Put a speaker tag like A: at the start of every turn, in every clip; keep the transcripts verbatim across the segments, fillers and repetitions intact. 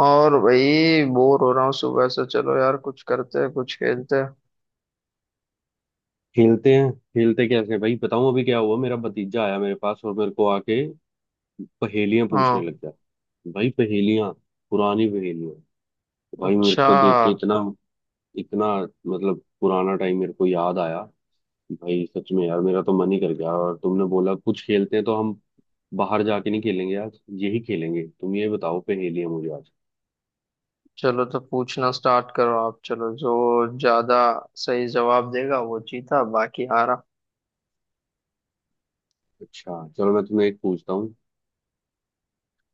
A: और भाई, बोर हो रहा हूँ सुबह से। चलो यार, कुछ करते हैं, कुछ खेलते हैं।
B: खेलते हैं, खेलते कैसे भाई बताऊं। अभी क्या हुआ, मेरा भतीजा आया मेरे पास और मेरे को आके पहेलियां पूछने
A: हाँ।
B: लग गया। भाई पहेलियां, पुरानी पहेलियां। भाई मेरे
A: अच्छा
B: को देख के इतना इतना, मतलब पुराना टाइम मेरे को याद आया। भाई सच में यार मेरा तो मन ही कर गया, और तुमने बोला कुछ खेलते हैं तो हम बाहर जाके नहीं खेलेंगे, आज यही खेलेंगे। तुम ये बताओ पहेलियां मुझे आज।
A: चलो, तो पूछना स्टार्ट करो आप। चलो, जो ज्यादा सही जवाब देगा वो जीता, बाकी हारा।
B: अच्छा चलो मैं तुम्हें एक पूछता हूँ।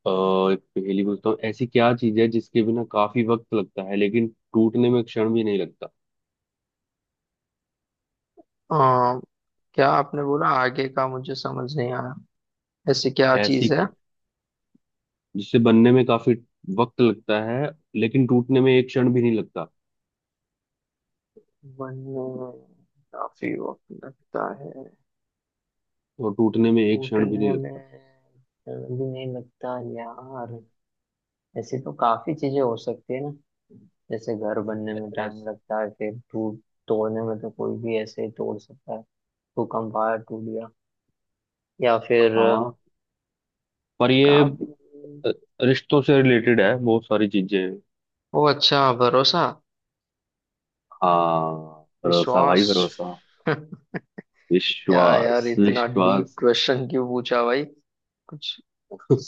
B: अ, एक पहेली पूछता हूँ। ऐसी क्या चीज है जिसके बिना काफी वक्त लगता है लेकिन टूटने में क्षण भी नहीं लगता।
A: आ, क्या आपने बोला, आगे का मुझे समझ नहीं आया। ऐसी क्या चीज
B: ऐसी
A: है?
B: जिसे बनने में काफी वक्त लगता है लेकिन टूटने में एक क्षण भी नहीं लगता।
A: बनने में काफी वक्त लगता है,
B: और टूटने में एक क्षण भी
A: टूटने
B: नहीं लगता।
A: में जल्दी नहीं लगता यार। ऐसे तो काफी चीजें हो सकती है ना। जैसे घर बनने में टाइम
B: ऐस,
A: लगता है, फिर टूट, तोड़ने में तो कोई भी ऐसे ही तोड़ सकता है। भूकंप आया, टूट गया। या फिर अ,
B: हाँ, पर ये
A: काफी।
B: अ, रिश्तों से रिलेटेड है, बहुत सारी चीजें हैं।
A: ओ अच्छा, भरोसा,
B: हाँ, भरोसा
A: विश्वास।
B: भाई भरोसा।
A: क्या यार,
B: विश्वास
A: इतना डीप
B: विश्वास।
A: क्वेश्चन क्यों पूछा भाई? कुछ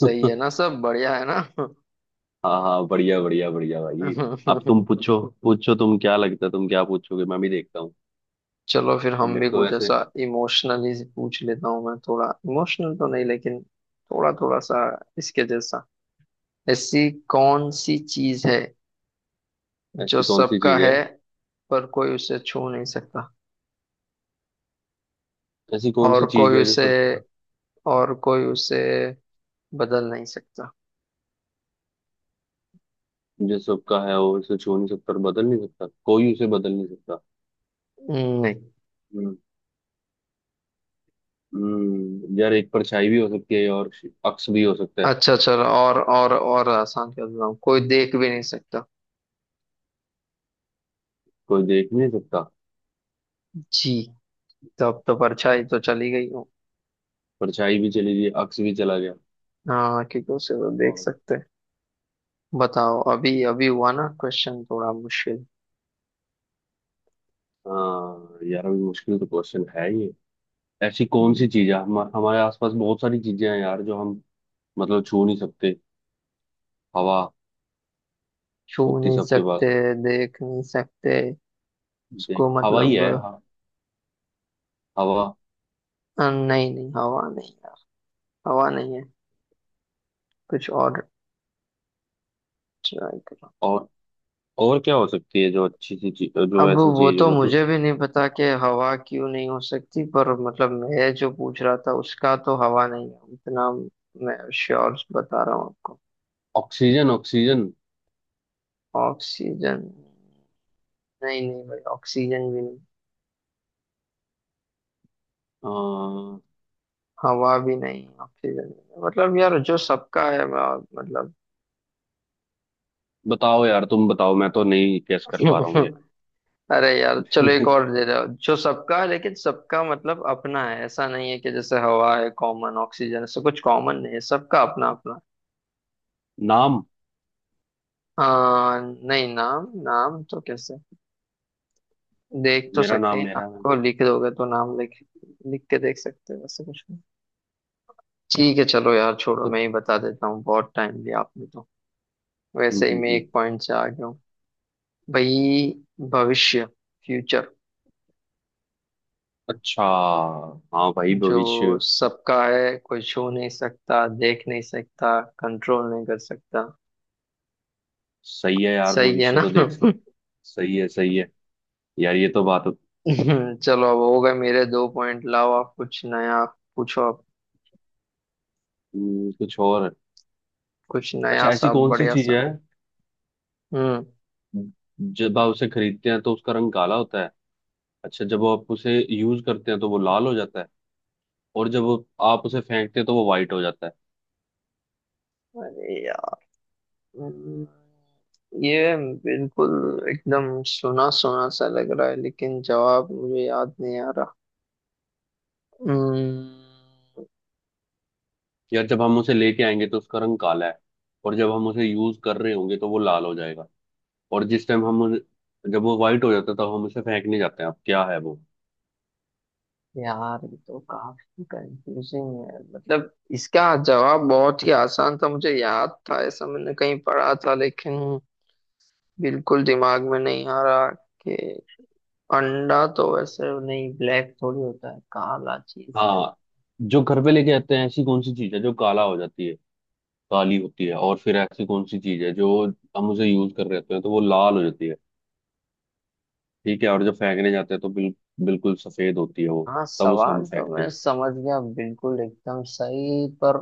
A: सही है ना, सब बढ़िया है ना?
B: हाँ हाँ, बढ़िया बढ़िया बढ़िया भाई। अब तुम पूछो, पूछो तुम। क्या लगता है तुम क्या पूछोगे, मैं भी देखता हूँ।
A: चलो फिर हम
B: मेरे
A: भी
B: को
A: कुछ
B: वैसे
A: ऐसा इमोशनली पूछ लेता हूँ। मैं थोड़ा इमोशनल तो नहीं, लेकिन थोड़ा थोड़ा सा इसके जैसा। ऐसी कौन सी चीज है जो
B: ऐसी कौन सी
A: सबका
B: चीज
A: है,
B: है?
A: पर कोई उसे छू नहीं सकता,
B: ऐसी कौन
A: और
B: सी चीज
A: कोई
B: है जो
A: उसे
B: सब,
A: और कोई उसे बदल नहीं सकता?
B: जो सबका है वो उसे छू नहीं सकता और बदल नहीं सकता, कोई उसे बदल नहीं सकता।
A: नहीं।
B: हम्म। हम्म, यार एक परछाई भी हो सकती है और अक्स भी हो सकता है।
A: अच्छा चलो, और और और आसान कर देता हूँ, कोई देख भी नहीं सकता।
B: कोई देख नहीं सकता।
A: जी। तब तो परछाई तो चली गई हूँ।
B: परछाई भी चली गई, अक्स भी चला गया।
A: हाँ, क्योंकि उसे तो देख
B: और
A: सकते हैं। बताओ, अभी अभी हुआ ना क्वेश्चन थोड़ा मुश्किल?
B: हाँ यार, अभी मुश्किल तो क्वेश्चन है ये। ऐसी कौन
A: हम्म,
B: सी चीज है, हम, हमारे आसपास बहुत सारी चीजें हैं यार जो हम, मतलब छू नहीं सकते। हवा
A: छू
B: होती,
A: नहीं
B: सबके पास
A: सकते,
B: है।
A: देख नहीं सकते
B: देख,
A: उसको
B: हवा ही
A: मतलब।
B: है हाँ, हवा।
A: अ, नहीं नहीं, हवा नहीं यार। हवा नहीं है। कुछ और ट्राई करो।
B: और और क्या हो सकती है, जो अच्छी सी चीज, जो
A: अब
B: ऐसी
A: वो
B: चीज
A: तो
B: हो
A: मुझे
B: मतलब।
A: भी नहीं पता कि हवा क्यों नहीं हो सकती, पर मतलब मैं जो पूछ रहा था उसका तो हवा नहीं है, इतना मैं श्योर बता रहा हूँ आपको।
B: Oxygen oxygen.
A: ऑक्सीजन? नहीं नहीं भाई, ऑक्सीजन भी नहीं।
B: हाँ,
A: हवा भी नहीं, ऑक्सीजन भी नहीं। मतलब यार, जो सबका है, मैं मतलब।
B: बताओ यार तुम बताओ, मैं तो नहीं गेस कर पा रहा हूँ ये।
A: अरे यार, चलो एक और दे दो। जो सबका है, लेकिन सबका मतलब अपना है। ऐसा नहीं है कि जैसे हवा है कॉमन, ऑक्सीजन, ऐसा कुछ कॉमन नहीं है। सबका अपना अपना।
B: नाम।
A: हाँ, नहीं, नाम? नाम तो कैसे, देख तो
B: मेरा
A: सकते
B: नाम,
A: हैं
B: मेरा
A: नाम
B: नाम।
A: को, लिख दोगे तो नाम लिख, लिख के देख सकते हैं, वैसे कुछ नहीं। ठीक है चलो यार, छोड़ो, मैं ही बता देता हूँ। बहुत टाइम लिया आपने तो,
B: हम्म
A: वैसे ही
B: हम्म
A: मैं
B: हम्म।
A: एक पॉइंट से आ गया हूँ। भाई, भविष्य, फ्यूचर।
B: अच्छा, हाँ भाई भविष्य।
A: जो सबका है, कोई छू नहीं सकता, देख नहीं सकता, कंट्रोल नहीं कर सकता।
B: सही है यार,
A: सही है
B: भविष्य
A: ना?
B: तो देख, सही है सही है। यार ये तो बात।
A: चलो, अब हो गए मेरे दो पॉइंट। लाओ आप कुछ नया पूछो आप,
B: हम्म, कुछ और है।
A: कुछ नया
B: अच्छा, ऐसी
A: सा
B: कौन सी
A: बढ़िया
B: चीज
A: सा।
B: है
A: हम्म।
B: जब आप उसे खरीदते हैं तो उसका रंग काला होता है। अच्छा, जब आप उसे यूज करते हैं तो वो लाल हो जाता है। और जब आप उसे फेंकते हैं तो वो व्हाइट हो जाता है।
A: अरे यार, हम्म, ये बिल्कुल एकदम सुना सुना सा लग रहा है, लेकिन जवाब मुझे याद नहीं आ रहा। हम्म,
B: यार जब हम उसे लेके आएंगे तो उसका रंग काला है, और जब हम उसे यूज कर रहे होंगे तो वो लाल हो जाएगा। और जिस टाइम हम उन- जब वो व्हाइट हो जाता है तो हम उसे फेंकने जाते हैं। अब क्या है वो?
A: यार ये तो काफी कंफ्यूजिंग है, मतलब इसका जवाब बहुत ही आसान था, मुझे याद था, ऐसा मैंने कहीं पढ़ा था, लेकिन बिल्कुल दिमाग में नहीं आ रहा कि अंडा तो वैसे नहीं, ब्लैक थोड़ी होता है। काला चीज क्या है?
B: हाँ, जो घर पे लेके आते हैं ऐसी कौन सी चीज है जो काला हो जाती है, काली होती है। और फिर ऐसी कौन सी चीज है जो हम उसे यूज कर रहे होते हैं तो वो लाल हो जाती है, ठीक है। और जब फेंकने जाते हैं तो बिल, बिल्कुल सफेद होती है वो,
A: हाँ,
B: तब उसे हम
A: सवाल तो
B: फेंकते हैं।
A: मैं समझ गया, बिल्कुल एकदम सही, पर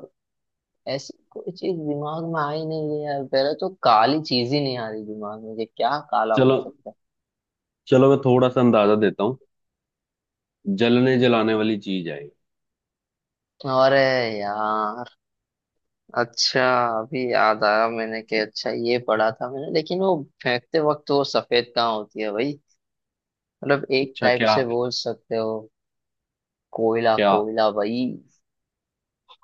A: ऐसी कोई चीज दिमाग में आई नहीं है यार। पहले तो काली चीज ही नहीं आ रही दिमाग में कि क्या काला हो
B: चलो
A: सकता
B: चलो, मैं थोड़ा सा अंदाजा देता हूँ। जलने जलाने वाली चीज है ये।
A: है। अरे यार, अच्छा, अभी याद आया मैंने कि अच्छा ये पढ़ा था मैंने, लेकिन वो फेंकते वक्त वो सफेद कहाँ होती है भाई? मतलब एक
B: अच्छा
A: टाइप
B: क्या
A: से
B: है?
A: बोल सकते हो। कोयला,
B: क्या,
A: कोयला भाई।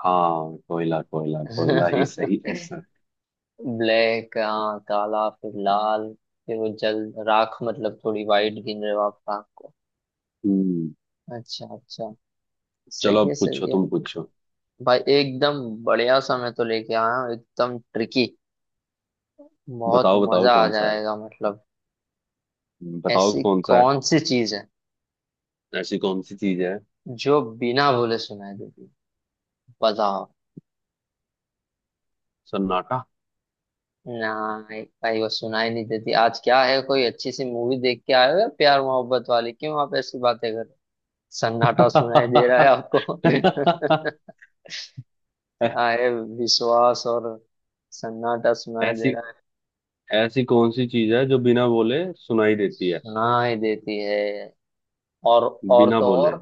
B: हाँ कोयला कोयला। कोयला ही सही आंसर है।
A: ब्लैक, हाँ, काला, फिर लाल, फिर वो जल, राख, मतलब थोड़ी वाइट गिन रहे हो आप राख को?
B: हम्म।
A: अच्छा अच्छा,
B: चलो
A: सही है
B: अब पूछो,
A: सही है।
B: तुम पूछो।
A: भाई एकदम बढ़िया सा मैं तो लेके आया हूँ, एकदम ट्रिकी, बहुत
B: बताओ बताओ
A: मजा आ
B: कौन सा है।
A: जाएगा मतलब।
B: हम्म, बताओ
A: ऐसी
B: कौन सा है।
A: कौन सी चीज है
B: ऐसी कौन सी चीज है?
A: जो बिना बोले सुनाई देती? बताओ।
B: सन्नाटा।
A: ना भाई, वो सुनाई नहीं देती। आज क्या है, कोई अच्छी सी मूवी देख के आए हो या प्यार मोहब्बत वाली, क्यों आप ऐसी बातें कर रहे हो? सन्नाटा सुनाई दे रहा है आपको?
B: ऐ-
A: क्या है, विश्वास और सन्नाटा सुनाई
B: ऐसी
A: दे रहा है?
B: ऐसी कौन सी चीज है जो बिना बोले सुनाई देती है?
A: सुनाई देती है, और और
B: बिना
A: तो
B: बोले।
A: और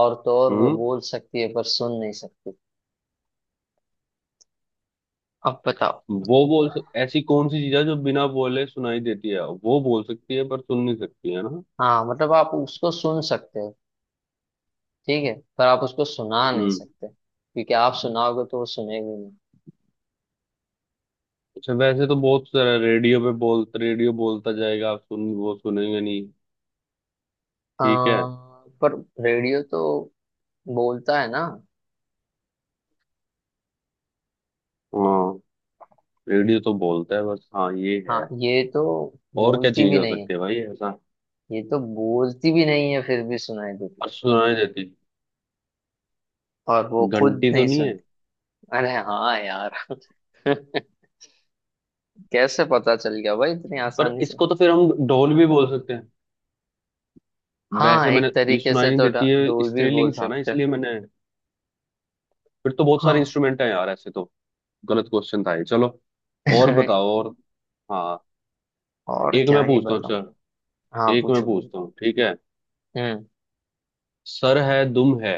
A: और तो और वो
B: हम्म।
A: बोल सकती है पर सुन नहीं सकती। अब बताओ।
B: वो बोल सक ऐसी कौन सी चीज है जो बिना बोले सुनाई देती है, वो बोल सकती है पर सुन नहीं सकती है ना।
A: हाँ मतलब आप उसको सुन सकते हो, ठीक है, पर आप उसको सुना नहीं
B: हम्म।
A: सकते, क्योंकि आप सुनाओगे तो वो सुनेगी नहीं।
B: अच्छा वैसे तो बहुत सारा रेडियो पे बोल रेडियो बोलता जाएगा, आप सुन वो सुनेंगे नहीं,
A: आ,
B: ठीक है।
A: पर रेडियो तो बोलता है ना।
B: हाँ, रेडियो तो बोलता है बस। हाँ ये
A: हाँ,
B: है।
A: ये तो
B: और क्या
A: बोलती
B: चीज
A: भी
B: हो
A: नहीं है।
B: सकती है भाई ऐसा,
A: ये तो बोलती भी नहीं है, फिर भी सुनाई देती,
B: और सुनाई देती।
A: और वो खुद
B: घंटी तो
A: नहीं
B: नहीं है?
A: सुनती। अरे हाँ यार। कैसे पता चल गया भाई इतनी
B: पर
A: आसानी से?
B: इसको तो फिर हम ढोल भी बोल सकते हैं।
A: हाँ,
B: वैसे मैंने
A: एक
B: ये
A: तरीके
B: सुनाई
A: से
B: नहीं
A: तो
B: देती
A: डा-
B: है,
A: डोल भी बोल
B: स्त्रीलिंग था ना
A: सकते हैं।
B: इसलिए मैंने। फिर तो बहुत सारे
A: हाँ।
B: इंस्ट्रूमेंट हैं यार ऐसे तो। गलत क्वेश्चन था ये चलो। और बताओ, और हाँ
A: और
B: एक
A: क्या
B: मैं
A: ही
B: पूछता हूँ
A: बताऊं।
B: सर।
A: हाँ,
B: एक मैं
A: पूछो पूछो।
B: पूछता हूँ, ठीक है।
A: हम्म।
B: सर है दुम है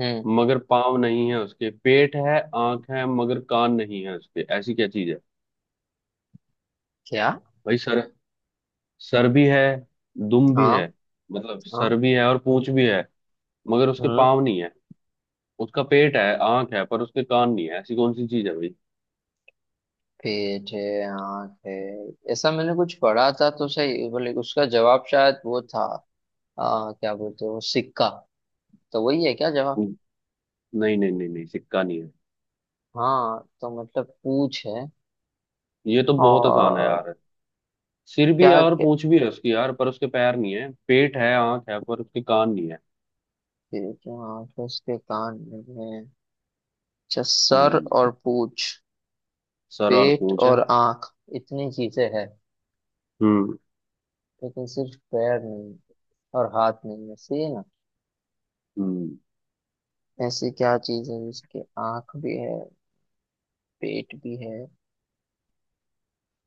A: हम्म।
B: मगर पाँव नहीं है उसके। पेट है आंख है मगर कान नहीं है उसके। ऐसी क्या चीज है
A: क्या?
B: भाई? सर, सर भी है, दुम भी
A: हाँ
B: है, मतलब
A: हाँ।
B: सर भी है और पूंछ भी है मगर उसके
A: हम्म।
B: पाँव नहीं है। उसका पेट है आंख है पर उसके कान नहीं है। ऐसी कौन सी चीज है भाई?
A: पेट है, आँख है। ऐसा मैंने कुछ पढ़ा था तो सही बोले, उसका जवाब शायद वो था। आ, क्या बोलते हैं वो, सिक्का? तो वही है क्या जवाब?
B: नहीं नहीं नहीं नहीं, सिक्का नहीं है,
A: हाँ, तो मतलब पूछ है
B: ये तो बहुत आसान है
A: और।
B: यार। सिर भी है
A: क्या
B: और
A: क्या-
B: पूंछ भी है उसकी यार, पर उसके पैर नहीं है। पेट है आंख है पर उसके कान नहीं है।
A: पेट है, आँख है, उसके कान नहीं है। अच्छा, सर
B: हम्म,
A: और पूछ,
B: सर और
A: पेट
B: पूंछ है।
A: और आँख, इतनी चीजें हैं,
B: हम्म
A: लेकिन सिर्फ पैर नहीं है और हाथ नहीं है, सही है ना?
B: हम्म।
A: ऐसी क्या चीज है जिसके आँख भी है, पेट भी है,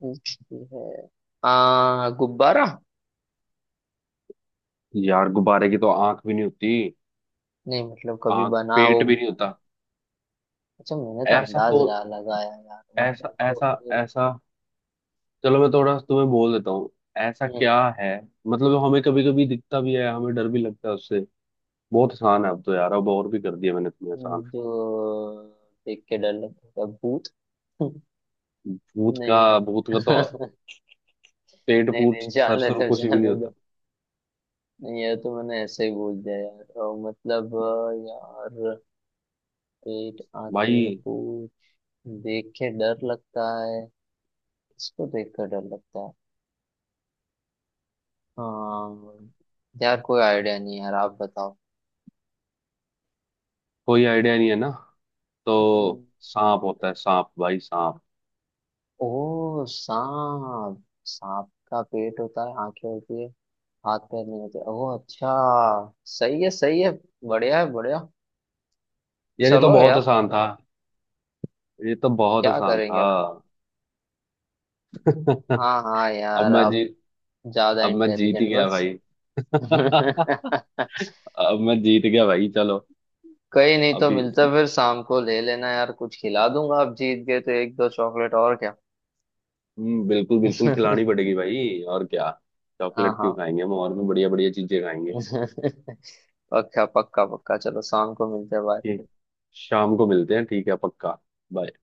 A: पूछती है? आ, गुब्बारा?
B: यार गुब्बारे की तो आंख भी नहीं होती,
A: नहीं, मतलब कभी
B: आंख पेट
A: बनाओ।
B: भी नहीं होता।
A: अच्छा मैंने तो
B: ऐसा
A: अंदाज
B: को
A: लगा- लगाया यार,
B: ऐसा
A: मतलब तो
B: ऐसा
A: फिर।
B: ऐसा चलो मैं थोड़ा तुम्हें बोल देता हूँ। ऐसा क्या है, मतलब हमें कभी कभी दिखता भी है, हमें डर भी लगता है उससे। बहुत आसान है अब तो यार, अब और भी कर दिया मैंने तुम्हें
A: हम्म,
B: आसान।
A: जो देख के डर लगता है, भूत?
B: भूत का
A: नहीं
B: भूत
A: नहीं।
B: का तो पेट
A: नहीं
B: पूट
A: नहीं,
B: सर
A: जाने
B: सर
A: दो
B: कुछ भी
A: जाने
B: नहीं
A: दो।
B: होता
A: नहीं यार, तो मैंने ऐसे ही बोल दिया यार, तो मतलब अ, यार, पेट,
B: भाई।
A: आंखें, भूत देख के डर लगता है, इसको देख कर डर लगता है। हाँ। यार कोई आइडिया नहीं, यार आप बताओ।
B: कोई आइडिया नहीं है ना?
A: हम्म,
B: तो सांप होता है सांप, भाई सांप।
A: ओ सांप, सांप का पेट होता है, आंखें होती है, हाथ पैर नहीं होते। ओह अच्छा, सही है सही है, बढ़िया है बढ़िया।
B: यार ये तो
A: चलो
B: बहुत
A: यार,
B: आसान था, ये तो बहुत
A: क्या
B: आसान
A: करेंगे
B: था।
A: अब? हाँ हाँ
B: अब
A: यार,
B: मैं
A: आप
B: जीत
A: ज्यादा
B: अब मैं जीत ही
A: इंटेलिजेंट
B: गया
A: बस।
B: भाई। अब मैं जीत गया भाई, चलो।
A: कहीं नहीं, तो
B: अभी
A: मिलते फिर शाम को, ले लेना यार, कुछ खिला दूंगा, आप जीत गए तो एक दो चॉकलेट और क्या।
B: हम्म, बिल्कुल बिल्कुल खिलानी पड़ेगी भाई, और क्या।
A: हाँ
B: चॉकलेट क्यों
A: हाँ।
B: खाएंगे हम, और भी बढ़िया बढ़िया चीजें खाएंगे।
A: पक्का पक्का पक्का, चलो शाम को मिलते हैं bye।
B: ठीक, शाम को मिलते हैं ठीक है पक्का। Bye.